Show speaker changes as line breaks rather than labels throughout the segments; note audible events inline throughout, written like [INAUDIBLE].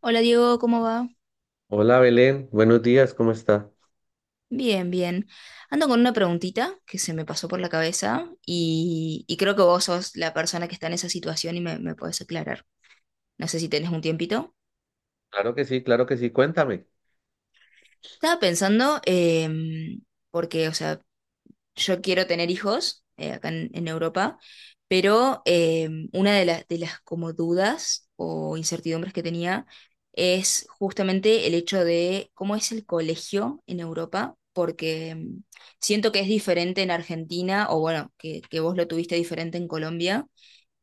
Hola Diego, ¿cómo va?
Hola Belén, buenos días, ¿cómo está?
Bien, bien. Ando con una preguntita que se me pasó por la cabeza y creo que vos sos la persona que está en esa situación y me podés aclarar. No sé si tenés un tiempito.
Claro que sí, cuéntame.
Estaba pensando, porque, o sea, yo quiero tener hijos acá en Europa, pero una de las como dudas o incertidumbres que tenía es justamente el hecho de cómo es el colegio en Europa, porque siento que es diferente en Argentina, o bueno, que vos lo tuviste diferente en Colombia,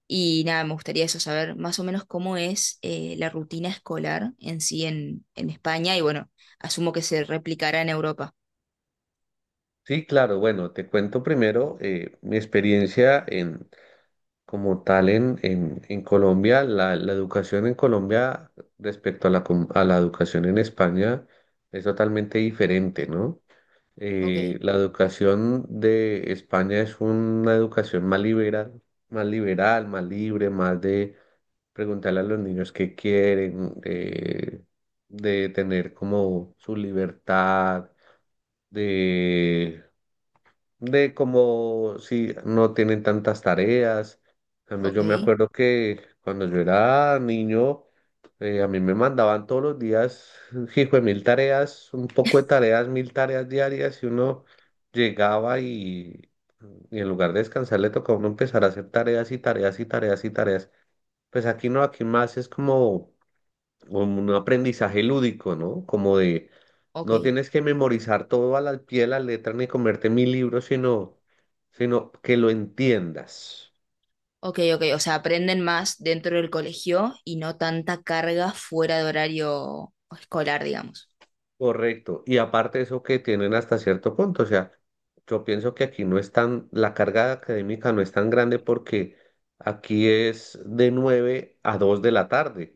y nada, me gustaría eso saber más o menos cómo es la rutina escolar en sí en España, y bueno, asumo que se replicará en Europa.
Sí, claro, bueno, te cuento primero mi experiencia en, como tal en Colombia, la educación en Colombia respecto a la educación en España es totalmente diferente, ¿no?
Ok,
La educación de España es una educación más liberal, más liberal, más libre, más de preguntarle a los niños qué quieren, de tener como su libertad, de, de como si no tienen tantas tareas. En cambio,
ok,
yo me acuerdo que cuando yo era niño, a mí me mandaban todos los días, hijo de mil tareas, un poco de tareas, mil tareas diarias, y uno llegaba y en lugar de descansar le tocaba a uno empezar a hacer tareas y tareas y tareas y tareas. Pues aquí no, aquí más es como un aprendizaje lúdico, ¿no? Como de,
ok.
no tienes que memorizar todo a la pie de la letra ni comerte mil libros, sino que lo entiendas.
Ok, ok, o sea, aprenden más dentro del colegio y no tanta carga fuera de horario escolar, digamos.
Correcto. Y aparte eso que tienen hasta cierto punto, o sea, yo pienso que aquí no es tan, la carga académica no es tan grande porque aquí es de 9 a 2 de la tarde.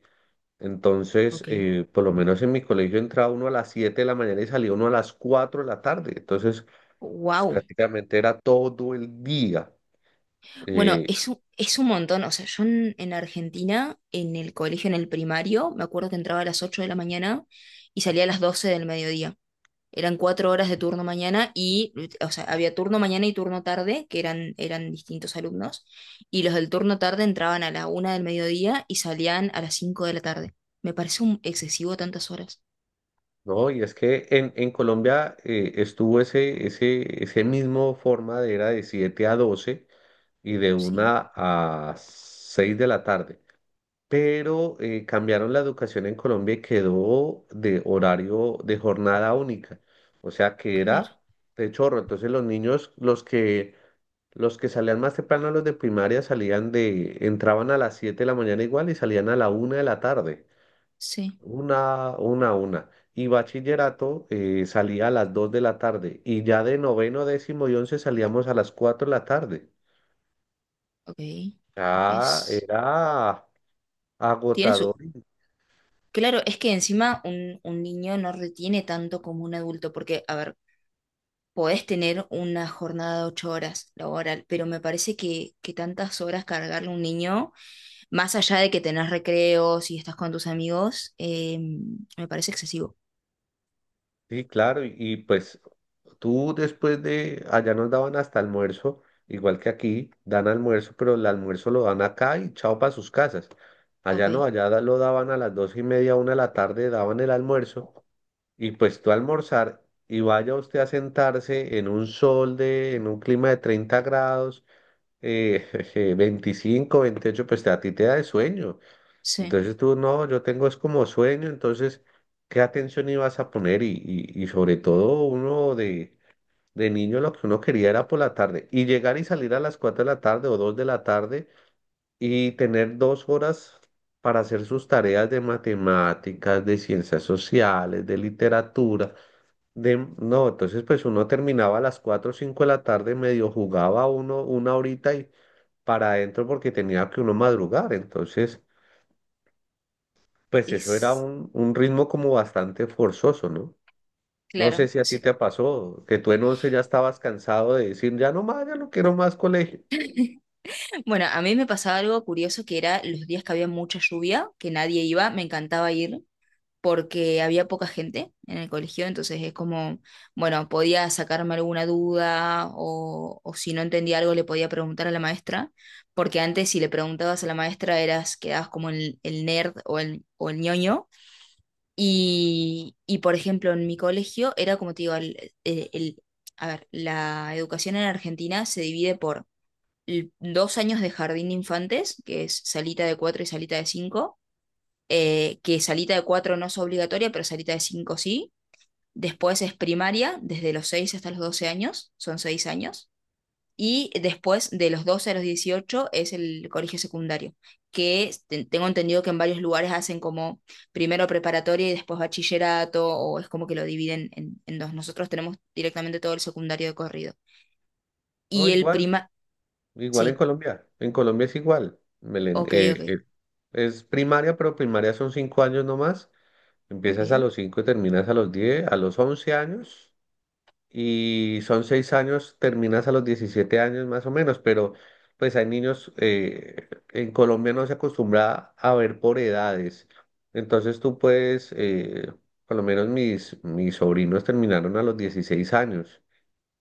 Entonces,
Ok.
por lo menos en mi colegio entraba uno a las 7 de la mañana y salía uno a las 4 de la tarde. Entonces, pues
Wow.
prácticamente era todo el día,
Bueno,
eh,
es un montón. O sea, yo en Argentina, en el colegio, en el primario, me acuerdo que entraba a las 8 de la mañana y salía a las 12 del mediodía. Eran cuatro horas de turno mañana y, o sea, había turno mañana y turno tarde, que eran distintos alumnos, y los del turno tarde entraban a la 1 del mediodía y salían a las 5 de la tarde. Me parece un excesivo tantas horas.
¿no? Y es que en Colombia estuvo ese, ese mismo forma de era de 7 a 12 y de
Sí,
una a 6 de la tarde. Pero cambiaron la educación en Colombia y quedó de horario de jornada única. O sea que
claro,
era de chorro. Entonces los niños, los que salían más temprano, los de primaria, entraban a las 7 de la mañana igual y salían a la una de la tarde.
sí,
Una. Y bachillerato salía a las 2 de la tarde y ya de noveno, décimo y once salíamos a las 4 de la tarde.
ok.
Ah,
Es,
era
tiene su,
agotador.
claro, es que encima un niño no retiene tanto como un adulto, porque, a ver, podés tener una jornada de ocho horas laboral, pero me parece que tantas horas cargarle a un niño. Más allá de que tenés recreos y estás con tus amigos, me parece excesivo.
Sí, claro. Y pues tú después de, allá nos daban hasta almuerzo, igual que aquí, dan almuerzo, pero el almuerzo lo dan acá y chao para sus casas.
Ok,
Allá no, lo daban a las dos y media, una de la tarde, daban el almuerzo. Y pues tú almorzar y vaya usted a sentarse en un clima de 30 grados, [LAUGHS] jeje, 25, pues a ti te da de sueño.
sí,
Entonces tú no, yo tengo es como sueño, entonces, ¿qué atención ibas a poner? Y sobre todo uno de niño lo que uno quería era por la tarde y llegar y salir a las 4 de la tarde o 2 de la tarde y tener dos horas para hacer sus tareas de matemáticas, de ciencias sociales, de literatura, no, entonces pues uno terminaba a las 4 o 5 de la tarde, medio jugaba uno una horita y para adentro porque tenía que uno madrugar. Entonces, pues eso era
es
un ritmo como bastante forzoso, ¿no? No sé
claro.
si a ti
Sí.
te pasó, que tú en 11 ya estabas cansado de decir, ya no más, ya no quiero más colegio.
[LAUGHS] Bueno, a mí me pasaba algo curioso que era los días que había mucha lluvia, que nadie iba, me encantaba ir porque había poca gente en el colegio, entonces es como, bueno, podía sacarme alguna duda o si no entendía algo le podía preguntar a la maestra, porque antes si le preguntabas a la maestra eras, quedabas como el nerd o el ñoño. Y, por ejemplo, en mi colegio era como te digo, a ver, la educación en Argentina se divide por dos años de jardín de infantes, que es salita de cuatro y salita de cinco, que salita de cuatro no es obligatoria, pero salita de cinco sí. Después es primaria, desde los seis hasta los 12 años, son seis años. Y después, de los 12 a los 18 es el colegio secundario, tengo entendido que en varios lugares hacen como primero preparatoria y después bachillerato, o es como que lo dividen en dos. Nosotros tenemos directamente todo el secundario de corrido.
No,
Y el
igual,
prima,
igual
sí,
En Colombia es igual. Belén,
ok, ok,
es primaria, pero primaria son 5 años nomás.
ok,
Empiezas a los 5 y terminas a los 10 a los 11 años. Y son seis años, terminas a los 17 años más o menos, pero pues hay niños, en Colombia no se acostumbra a ver por edades, entonces tú puedes, por lo menos mis sobrinos terminaron a los 16 años.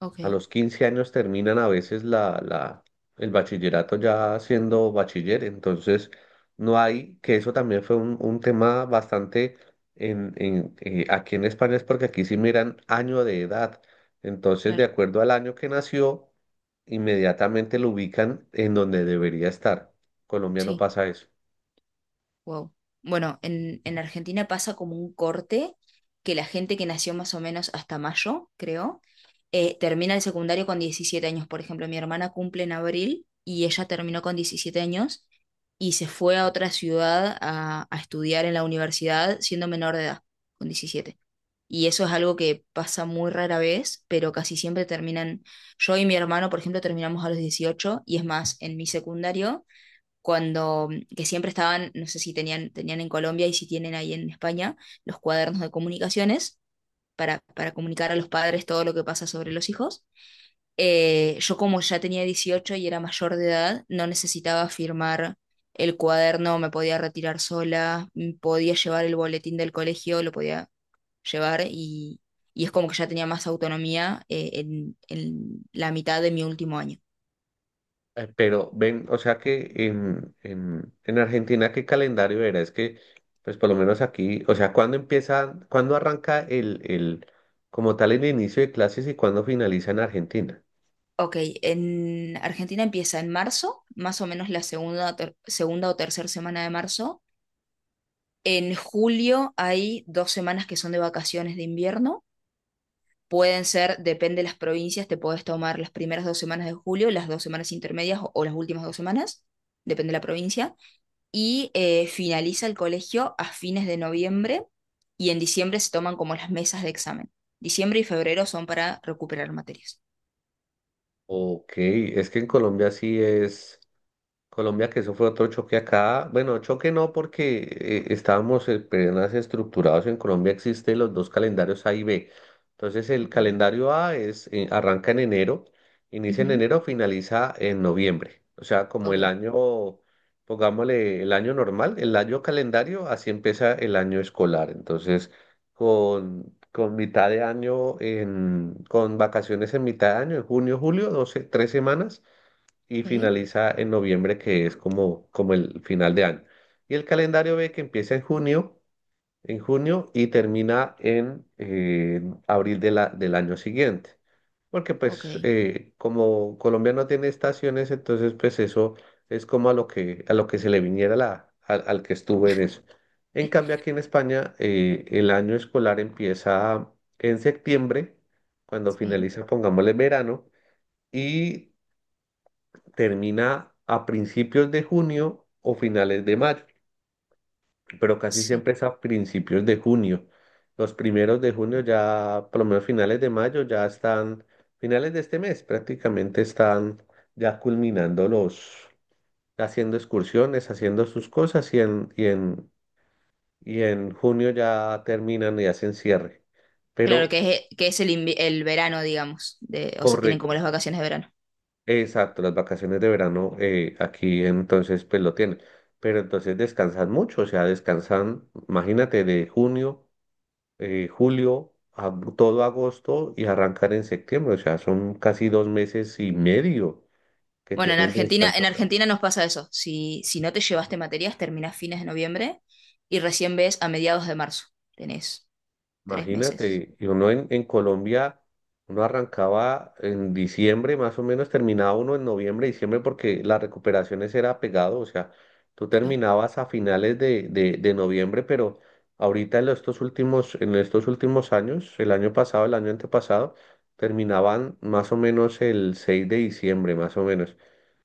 ok,
A los 15 años terminan a veces el bachillerato ya siendo bachiller, entonces no hay, que eso también fue un tema bastante en, aquí en España, es porque aquí sí miran año de edad, entonces de
claro,
acuerdo al año que nació, inmediatamente lo ubican en donde debería estar. Colombia no
sí.
pasa eso.
Wow. Bueno, en Argentina pasa como un corte que la gente que nació más o menos hasta mayo, creo, termina el secundario con 17 años. Por ejemplo, mi hermana cumple en abril y ella terminó con 17 años y se fue a otra ciudad a estudiar en la universidad siendo menor de edad, con 17. Y eso es algo que pasa muy rara vez, pero casi siempre terminan, yo y mi hermano, por ejemplo, terminamos a los 18 y es más, en mi secundario cuando, que siempre estaban, no sé si tenían, en Colombia y si tienen ahí en España, los cuadernos de comunicaciones para comunicar a los padres todo lo que pasa sobre los hijos. Yo como ya tenía 18 y era mayor de edad, no necesitaba firmar el cuaderno, me podía retirar sola, podía llevar el boletín del colegio, lo podía llevar y es como que ya tenía más autonomía en la mitad de mi último año.
Pero ven, o sea que en, en Argentina, ¿qué calendario era? Es que, pues por lo menos aquí, o sea, ¿cuándo empieza, cuándo arranca el, como tal, el inicio de clases y cuándo finaliza en Argentina?
Ok, en Argentina empieza en marzo, más o menos la segunda, segunda o tercera semana de marzo. En julio hay dos semanas que son de vacaciones de invierno. Pueden ser, depende de las provincias, te puedes tomar las primeras dos semanas de julio, las dos semanas intermedias o las últimas dos semanas, depende de la provincia. Y finaliza el colegio a fines de noviembre y en diciembre se toman como las mesas de examen. Diciembre y febrero son para recuperar materias.
Ok, es que en Colombia sí es. Colombia, que eso fue otro choque acá. Bueno, choque no, porque estábamos apenas estructurados. En Colombia existen los dos calendarios A y B. Entonces, el
Ok,
calendario A arranca en enero, inicia en
ujú,
enero, finaliza en noviembre. O sea, como
ok.
el año, pongámosle el año normal, el año calendario, así empieza el año escolar. Entonces, con mitad de año, en, con vacaciones en mitad de año, en junio, julio, 12 tres semanas y
Ok.
finaliza en noviembre, que es como, como el final de año. Y el calendario B que empieza en junio y termina en abril del año siguiente. Porque
Ok,
pues como Colombia no tiene estaciones, entonces pues eso es como a lo que se le viniera al que estuvo en eso. En cambio aquí en España el año escolar empieza en septiembre, cuando
sí,
finaliza, pongámosle verano, y termina a principios de junio o finales de mayo, pero casi
sí.
siempre es a principios de junio. Los primeros de junio ya, por lo menos finales de mayo, ya están, finales de este mes prácticamente están ya culminando los, haciendo excursiones, haciendo sus cosas y en, y en junio ya terminan y hacen cierre.
Claro
Pero
que es el verano, digamos, de, o sea, tienen como
correcto.
las vacaciones de verano.
Exacto, las vacaciones de verano aquí entonces pues lo tienen, pero entonces descansan mucho, o sea, descansan, imagínate, de junio, julio, a todo agosto y arrancan en septiembre, o sea, son casi dos meses y medio que
Bueno, en
tienen de
Argentina,
descanso.
en Argentina nos pasa eso. Si no te llevaste materias, terminás fines de noviembre y recién ves a mediados de marzo. Tenés tres meses.
Imagínate, y uno en Colombia, uno arrancaba en diciembre, más o menos terminaba uno en noviembre, diciembre, porque las recuperaciones era pegado, o sea, tú
Claro.
terminabas a finales de noviembre, pero ahorita en estos últimos años, el año pasado, el año antepasado, terminaban más o menos el 6 de diciembre, más o menos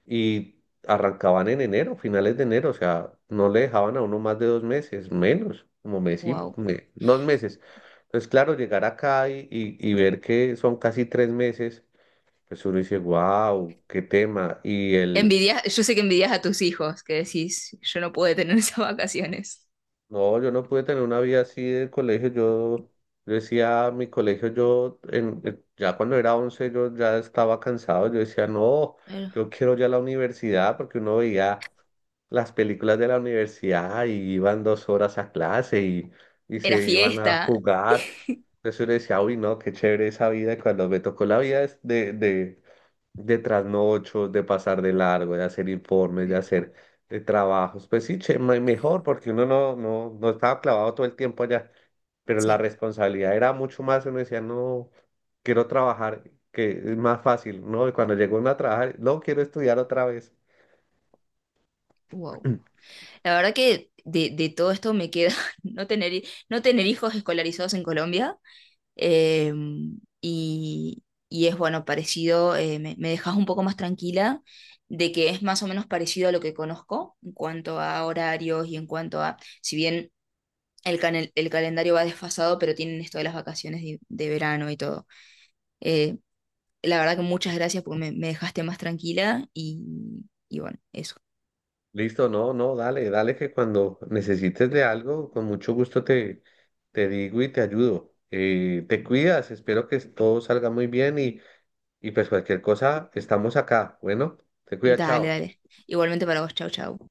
y arrancaban en enero, finales de enero, o sea, no le dejaban a uno más de dos meses, menos, como
Wow.
dos meses. Entonces, claro, llegar acá y ver que son casi tres meses, pues uno dice, wow, qué tema.
Envidias, yo sé que envidias a tus hijos, que decís, yo no pude tener [LAUGHS] esas vacaciones.
No, yo no pude tener una vida así de colegio. Yo decía, mi colegio, yo, ya cuando era 11 yo ya estaba cansado. Yo decía, no,
Claro.
yo quiero ya la universidad porque uno veía las películas de la universidad y iban dos horas a clase y
Era
se iban a
fiesta.
jugar. Entonces yo le decía, uy, no, qué chévere esa vida. Y cuando me tocó la vida de trasnochos, de pasar de largo, de hacer informes, de hacer de trabajos. Pues sí, che, mejor, porque uno no, no, no estaba clavado todo el tiempo allá, pero la
Sí.
responsabilidad era mucho más. Uno decía, no, quiero trabajar, que es más fácil, ¿no? Y cuando llegó uno a trabajar, no, quiero estudiar otra vez.
Wow.
[CLEARS THROAT]
La verdad que de todo esto me queda [LAUGHS] no tener, no tener hijos escolarizados en Colombia eh, y, y es bueno, parecido, me dejas un poco más tranquila de que es más o menos parecido a lo que conozco en cuanto a horarios y en cuanto a, si bien el calendario va desfasado, pero tienen esto de las vacaciones de verano y todo. Eh, la verdad que muchas gracias porque me dejaste más tranquila y bueno, eso.
Listo, no, no, dale, dale que cuando necesites de algo, con mucho gusto te digo y te ayudo. Te cuidas, espero que todo salga muy bien. Y pues cualquier cosa, estamos acá. Bueno, te cuida,
Dale,
chao.
dale. Igualmente para vos, chau, chau.